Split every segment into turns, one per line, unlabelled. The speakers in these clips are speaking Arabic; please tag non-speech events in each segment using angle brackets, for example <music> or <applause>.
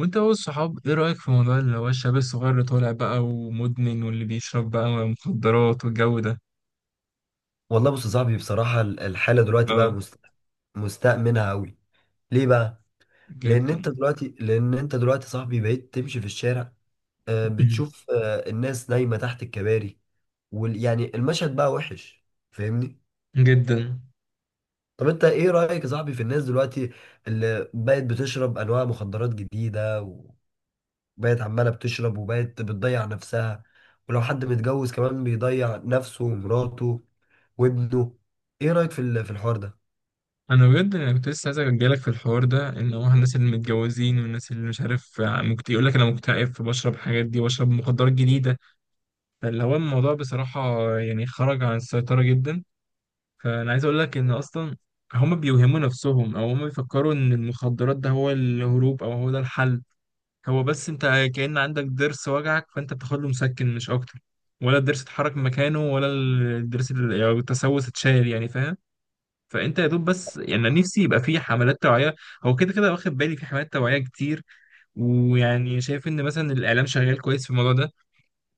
وانت هو الصحاب، ايه رأيك في موضوع اللي هو الشاب الصغير اللي طالع بقى ومدمن واللي بيشرب بقى مخدرات والجو ده؟
والله بص يا صاحبي، بصراحة الحالة دلوقتي بقى
اه،
مستأمنها أوي. ليه بقى؟ لأن
جدا.
أنت دلوقتي لأن أنت دلوقتي يا صاحبي بقيت تمشي في الشارع،
<clears throat>
بتشوف الناس نايمة تحت الكباري، يعني المشهد بقى وحش. فاهمني؟
جدا.
طب أنت إيه رأيك يا صاحبي في الناس دلوقتي اللي بقت بتشرب أنواع مخدرات جديدة، وبقت عمالة بتشرب وبقت بتضيع نفسها، ولو حد متجوز كمان بيضيع نفسه ومراته وابنه. إيه رأيك في في الحوار ده؟
انا بجد انا كنت لسه عايز اجيلك في الحوار ده، ان هو الناس اللي متجوزين والناس اللي مش عارف يقول لك انا مكتئب فبشرب حاجات دي واشرب مخدرات جديدة. فاللي هو الموضوع بصراحة يعني خرج عن السيطرة جدا. فانا عايز اقول لك ان اصلا هما بيوهموا نفسهم او هما بيفكروا ان المخدرات ده هو الهروب او هو ده الحل. هو بس انت كأن عندك ضرس وجعك، فانت بتاخد له مسكن مش اكتر. ولا الضرس اتحرك من مكانه، ولا الضرس يعني التسوس اتشال، يعني فاهم. فانت يا دوب بس، يعني أنا نفسي يبقى في حملات توعيه. هو كده كده واخد بالي في حملات توعيه كتير. ويعني شايف ان مثلا الاعلام شغال كويس في الموضوع ده.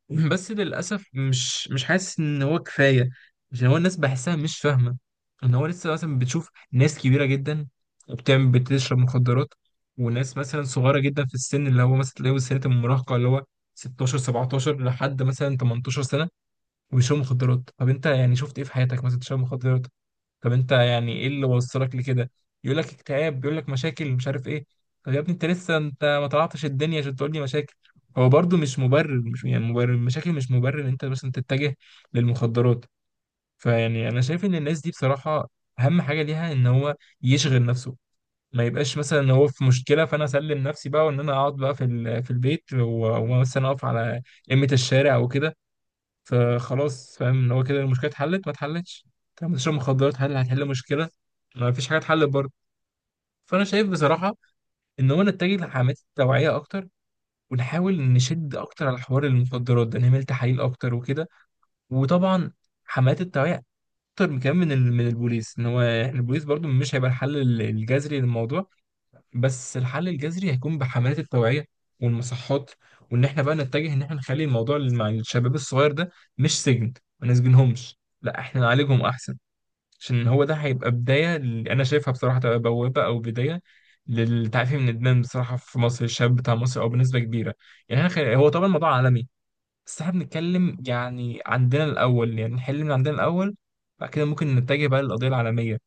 <laughs> بس للأسف مش حاسس إن هو كفاية. عشان هو الناس بحسها مش فاهمة. إن هو لسه مثلا بتشوف ناس كبيرة جدا وبتعمل بتشرب مخدرات، وناس مثلا صغيرة جدا في السن، اللي هو مثلا تلاقيه سنة المراهقة اللي هو 16 17 لحد مثلا 18 سنة وبيشربوا مخدرات. طب أنت يعني شفت إيه في حياتك مثلا تشرب مخدرات؟ طب انت يعني ايه اللي وصلك لكده؟ يقول لك اكتئاب، بيقول لك مشاكل مش عارف ايه. طب يا ابني انت لسه، انت ما طلعتش الدنيا عشان تقول لي مشاكل. هو برضو مش مبرر، مش يعني مبرر، المشاكل مش مبرر ان انت مثلا تتجه للمخدرات. فيعني انا شايف ان الناس دي بصراحة اهم حاجة ليها ان هو يشغل نفسه. ما يبقاش مثلا ان هو في مشكلة، فانا اسلم نفسي بقى، وان انا اقعد بقى في في البيت ومثلا اقف على قمة الشارع وكده. فخلاص، فاهم ان هو كده المشكله اتحلت؟ ما اتحلتش. طب بتشرب مخدرات، هل هتحل مشكله؟ ما فيش حاجه اتحلت برضه. فانا شايف بصراحه ان هو نتجه لحملات التوعيه اكتر، ونحاول نشد اكتر على حوار المخدرات ده، نعمل تحاليل اكتر وكده. وطبعا حملات التوعيه اكتر، من كمان من من البوليس، ان هو البوليس برضه مش هيبقى الحل الجذري للموضوع. بس الحل الجذري هيكون بحملات التوعية والمصحات، وإن إحنا بقى نتجه إن إحنا نخلي الموضوع مع الشباب الصغير ده مش سجن. ما نسجنهمش، لا، إحنا نعالجهم أحسن. عشان هو ده هيبقى بداية، اللي أنا شايفها بصراحة تبقى بوابة أو بداية للتعافي من الإدمان بصراحة في مصر. الشاب بتاع مصر أو بنسبة كبيرة، يعني إحنا هو طبعا الموضوع عالمي، بس إحنا بنتكلم يعني عندنا الأول، يعني نحل من عندنا الأول، بعد كده ممكن نتجه بقى للقضية العالمية.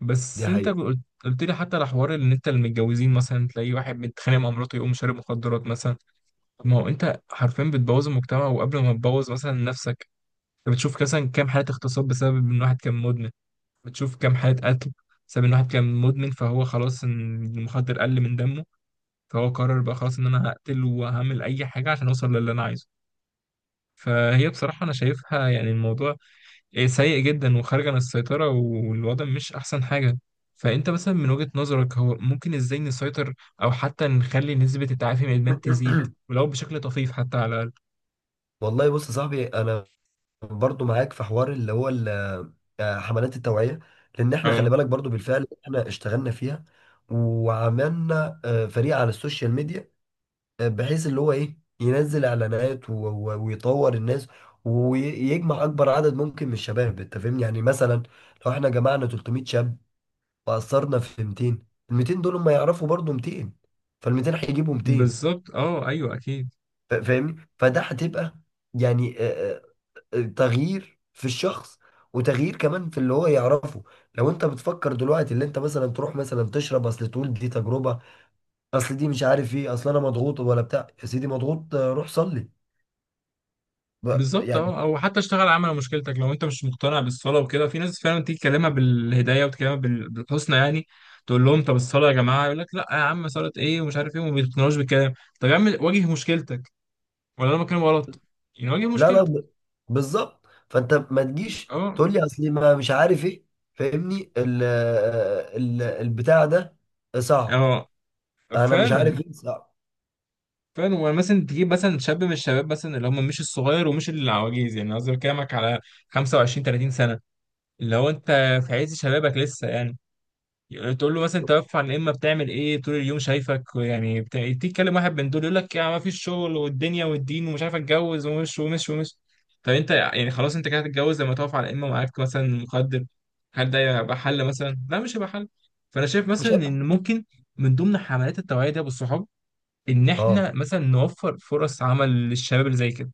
بس
دي
انت
حقيقة.
قلت، قلت لي حتى على حوار ان انت المتجوزين مثلا تلاقي واحد متخانق مع مراته يقوم شارب مخدرات مثلا. طب ما هو انت حرفيا بتبوظ المجتمع، وقبل ما تبوظ مثلا نفسك. انت بتشوف مثلا كام حالة اغتصاب بسبب ان واحد كان مدمن؟ بتشوف كام حالة قتل بسبب ان واحد كان مدمن، فهو خلاص ان المخدر قل من دمه، فهو قرر بقى خلاص ان انا هقتل وهعمل اي حاجة عشان اوصل للي انا عايزه. فهي بصراحة انا شايفها، يعني الموضوع إيه، سيء جدا وخارج عن السيطرة، والوضع مش أحسن حاجة. فأنت مثلا من وجهة نظرك، هو ممكن إزاي نسيطر أو حتى نخلي نسبة التعافي من الإدمان تزيد
<coughs> <clears throat>
ولو بشكل طفيف حتى على الأقل؟
والله بص يا صاحبي، انا برضو معاك في حوار اللي هو حملات التوعية، لان احنا خلي
اه.
بالك برضو بالفعل احنا اشتغلنا فيها، وعملنا فريق على السوشيال ميديا، بحيث اللي هو ايه ينزل اعلانات ويطور الناس، ويجمع اكبر عدد ممكن من الشباب. انت فاهمني؟ يعني مثلا لو احنا جمعنا 300 شاب واثرنا في 200، ال 200 دول هم يعرفوا برضو 200، فال 200 هيجيبوا 200.
بالظبط، أه، أيوه أكيد.
فاهمني؟ فده هتبقى يعني تغيير في الشخص، وتغيير كمان في اللي هو يعرفه. لو انت بتفكر دلوقتي اللي انت مثلا تروح مثلا تشرب، اصل تقول دي تجربة، اصل دي مش عارف ايه، اصل انا مضغوط ولا بتاع. يا سيدي مضغوط، روح صلي.
بالظبط،
يعني.
أه. أو حتى اشتغل على مشكلتك. لو أنت مش مقتنع بالصلاة وكده، في ناس فعلا تيجي تكلمها بالهداية وتكلمها بالحسنى، يعني تقول لهم طب الصلاة يا جماعة، يقول لك لا يا عم صلاة إيه ومش عارف إيه، وما بيقتنعوش بالكلام. طب يا عم واجه مشكلتك، ولا أنا بتكلم غلط؟ يعني واجه
لا، لا،
مشكلتك.
بالظبط. فانت ما تجيش
أه.
تقول لي اصل ما مش عارف ايه. فاهمني ال ال البتاع ده صعب،
اه.
انا مش
فعلا،
عارف ايه صعب.
فعلا. ومثلا تجيب مثلا شاب من الشباب مثلا، اللي هم مش الصغير ومش العواجيز، يعني قصدي بكلمك على 25 30 سنه. اللي هو انت في عز شبابك لسه، يعني تقول له مثلا توفى عن الامه، بتعمل ايه طول اليوم شايفك، يعني تيجي تكلم واحد من دول يقول لك يعني ما فيش شغل والدنيا والدين ومش عارف اتجوز، ومش ومش ومش. طب انت يعني خلاص انت كده هتتجوز لما تقف على الامه معاك مثلا مخدر؟ هل ده يبقى حل؟ مثلا لا، مش هيبقى حل. فانا شايف
مش
مثلا
هيبقى.
ان ممكن من ضمن حملات التوعيه دي بالصحاب، ان
اه،
احنا مثلا نوفر فرص عمل للشباب اللي زي كده،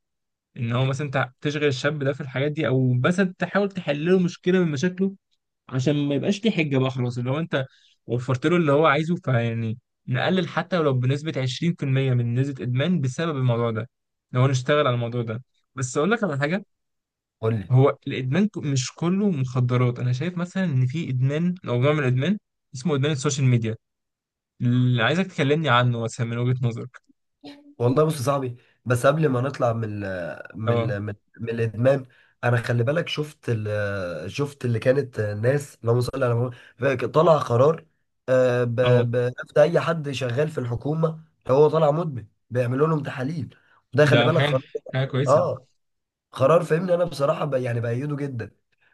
ان هو مثلا انت تشغل الشاب ده في الحاجات دي، او مثلا تحاول تحل له مشكله من مشاكله، عشان ما يبقاش ليه حجه بقى. خلاص، اللي هو انت وفرت له اللي هو عايزه، فيعني نقلل حتى ولو بنسبه 20% من نسبه ادمان بسبب الموضوع ده لو نشتغل على الموضوع ده. بس اقول لك على حاجه،
قول لي.
هو الادمان مش كله مخدرات. انا شايف مثلا ان في ادمان او نوع من الادمان اسمه ادمان السوشيال ميديا، اللي عايزك تكلمني عنه مثلا من وجهه نظرك.
والله بص يا صاحبي، بس قبل ما نطلع من
اه.
من الادمان، انا خلي بالك شفت شفت اللي كانت ناس. اللهم صل على محمد. طلع قرار،
اه.
بنفذ اي حد شغال في الحكومه، لو هو طالع مدمن بيعملوا لهم تحاليل. وده خلي
ده
بالك
حاجة،
قرار.
حاجة كويسة.
اه، قرار، فاهمني؟ انا بصراحه يعني بأيده جدا.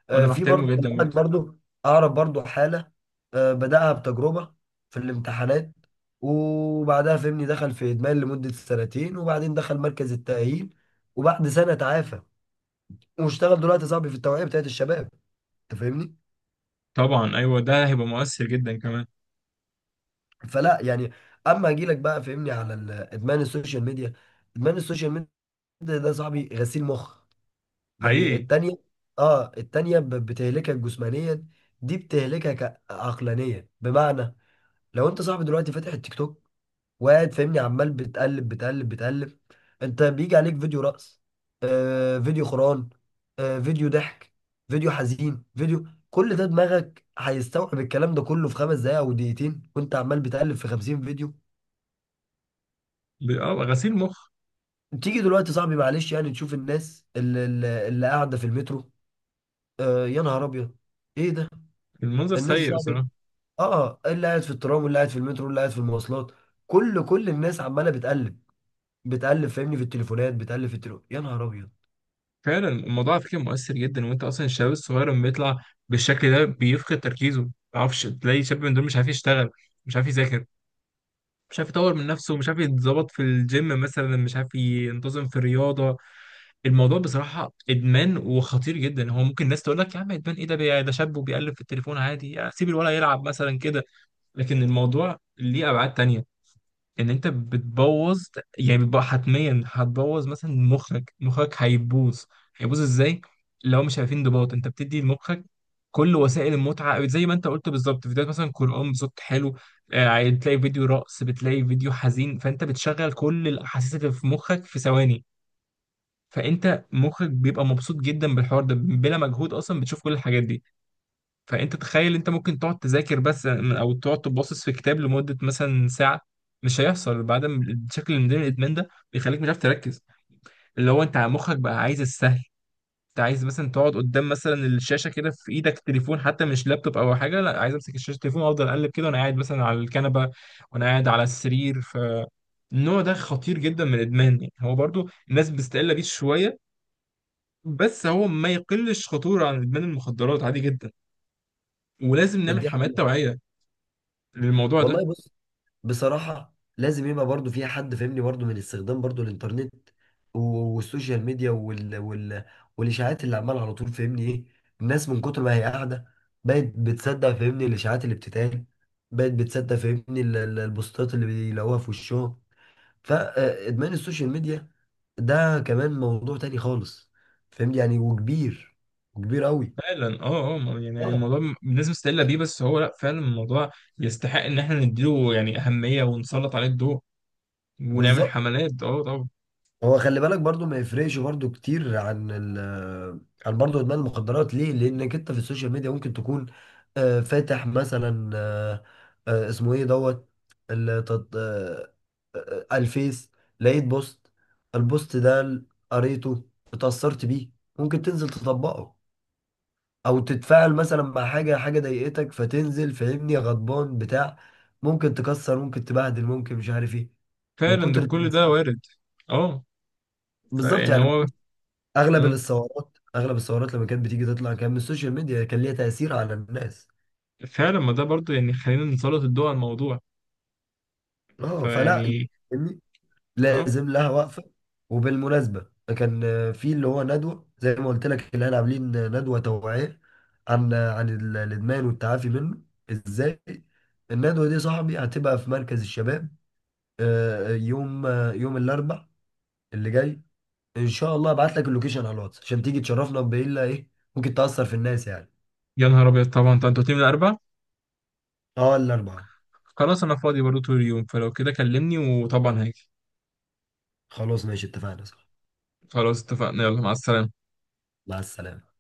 وأنا
في
بحترمه
برضه خلي
جدا
بالك
برضه.
برضه اعرف برضه حاله، بداها بتجربه في الامتحانات، وبعدها فهمني دخل في ادمان لمده سنتين، وبعدين دخل مركز التاهيل، وبعد سنه تعافى، واشتغل دلوقتي صاحبي في التوعيه بتاعت الشباب. انت فاهمني؟
طبعا أيوه، ده هيبقى مؤثر جدا كمان.
فلا يعني، اما اجي لك بقى فهمني على ادمان السوشيال ميديا. ادمان السوشيال ميديا ده صاحبي غسيل مخ، يعني
حقيقي.
التانية. اه، التانية بتهلكك جسمانيا، دي بتهلكك عقلانيا. بمعنى لو انت صاحبي دلوقتي فاتح التيك توك، وقاعد فاهمني عمال بتقلب بتقلب بتقلب، انت بيجي عليك فيديو رقص، فيديو خران، فيديو ضحك، فيديو حزين، فيديو، كل ده دماغك هيستوعب الكلام ده كله في 5 دقايق او دقيقتين، وانت عمال بتقلب في 50 فيديو.
أه، غسيل مخ.
تيجي دلوقتي صاحبي معلش، يعني تشوف الناس اللي قاعدة في المترو، يا نهار ابيض، ايه ده؟
المنظر
الناس
سيء
صاحبي،
بصراحة.
اه، اللي قاعد في الترام واللي قاعد في المترو واللي قاعد في المواصلات، كل الناس عمالة بتقلب، بتقلب، فاهمني؟ في التليفونات، بتقلب في التليفون، يا نهار ابيض.
فعلا الموضوع على فكرة مؤثر جدا. وأنت أصلا الشباب الصغير لما بيطلع بالشكل ده بيفقد تركيزه، ما يعرفش. تلاقي شاب من دول مش عارف يشتغل، مش عارف يذاكر، مش عارف يطور من نفسه، مش عارف يتظبط في الجيم مثلا، مش عارف ينتظم في الرياضة. الموضوع بصراحة إدمان وخطير جدا. هو ممكن الناس تقول لك يا عم إدمان إيه ده، ده شاب وبيقلب في التليفون عادي، يعني سيب الولد يلعب مثلا كده. لكن الموضوع ليه ابعاد تانية، ان انت بتبوظ، يعني بتبقى حتميا هتبوظ مثلا مخك. مخك هيبوظ. هيبوظ ازاي؟ لو مش عارفين انضباط، انت بتدي لمخك كل وسائل المتعه زي ما انت قلت بالظبط. فيديوهات مثلا قران بصوت حلو، آه، بتلاقي فيديو رقص، بتلاقي فيديو حزين، فانت بتشغل كل الاحاسيس اللي في مخك في ثواني. فانت مخك بيبقى مبسوط جدا بالحوار ده بلا مجهود، اصلا بتشوف كل الحاجات دي. فانت تخيل انت ممكن تقعد تذاكر بس، او تقعد تباصص في كتاب لمده مثلا ساعه؟ مش هيحصل. بعد ما الشكل من ضمن الادمان ده بيخليك مش عارف تركز، اللي هو انت مخك بقى عايز السهل. انت عايز مثلا تقعد قدام مثلا الشاشه كده، في ايدك تليفون حتى، مش لابتوب او حاجه، لا، عايز امسك الشاشه تليفون وافضل اقلب كده وانا قاعد مثلا على الكنبه وانا قاعد على السرير. ف النوع ده خطير جدا من الادمان. يعني هو برضو الناس بتستقل بيه شويه، بس هو ما يقلش خطوره عن ادمان المخدرات عادي جدا. ولازم نعمل
دي
حملات
حقيقة.
توعيه للموضوع ده.
والله بص، بصراحة لازم يبقى برضو فيها حد فاهمني برضو من استخدام برضو الانترنت و- والسوشيال ميديا والاشاعات اللي عمالة على طول، فاهمني ايه، الناس من كتر ما هي قاعدة بقت بتصدق فاهمني الاشاعات اللي بتتقال، بقت بتصدق فاهمني البوستات اللي بيلاقوها في وشهم. فادمان السوشيال ميديا ده كمان موضوع تاني خالص، فاهمني؟ يعني، وكبير، وكبير قوي.
فعلا، اه، اه. يعني
اه،
الموضوع الناس مستقله بيه، بس هو لا، فعلا الموضوع يستحق ان احنا نديله يعني اهميه ونسلط عليه الضوء، ونعمل
بالظبط.
حملات، اه طبعا.
هو خلي بالك برضو ما يفرقش برضو كتير عن عن برضو ادمان المخدرات، ليه؟ لانك انت في السوشيال ميديا ممكن تكون فاتح مثلا، اسمه ايه دوت، ال- تط- آه، الفيس، لقيت بوست. البوست ده قريته، اتأثرت بيه، ممكن تنزل تطبقه، او تتفاعل مثلا مع حاجة، حاجة ضايقتك فتنزل فاهمني غضبان بتاع، ممكن تكسر، ممكن تبهدل، ممكن مش عارف ايه، من
فعلا ده،
كتر
كل
التأثير.
ده وارد. اه.
بالظبط
فيعني
يعني،
هو،
اغلب
آه.
الثورات اغلب الثورات لما كانت بتيجي تطلع كان من السوشيال ميديا، كان ليها تأثير على الناس.
فعلا، ما ده برضه يعني خلينا نسلط الضوء على الموضوع.
اه، فلا
فيعني
يعني،
اه.
لازم لها وقفة. وبالمناسبة، كان في اللي هو ندوة، زي ما قلت لك اللي احنا عاملين ندوة توعية عن الادمان والتعافي منه ازاي. الندوة دي صاحبي هتبقى في مركز الشباب، يوم يوم الاربع اللي جاي ان شاء الله. ابعت لك اللوكيشن على الواتس عشان تيجي تشرفنا، بايه؟ ايه ممكن تأثر في الناس يعني.
يا نهار ابيض، طبعا. طب انتوا من الاربع؟
اه، الاربعة.
خلاص انا فاضي برضه طول اليوم، فلو كده كلمني وطبعا هاجي.
خلاص ماشي، اتفقنا، صح.
خلاص اتفقنا، يلا مع السلامه.
مع السلامة.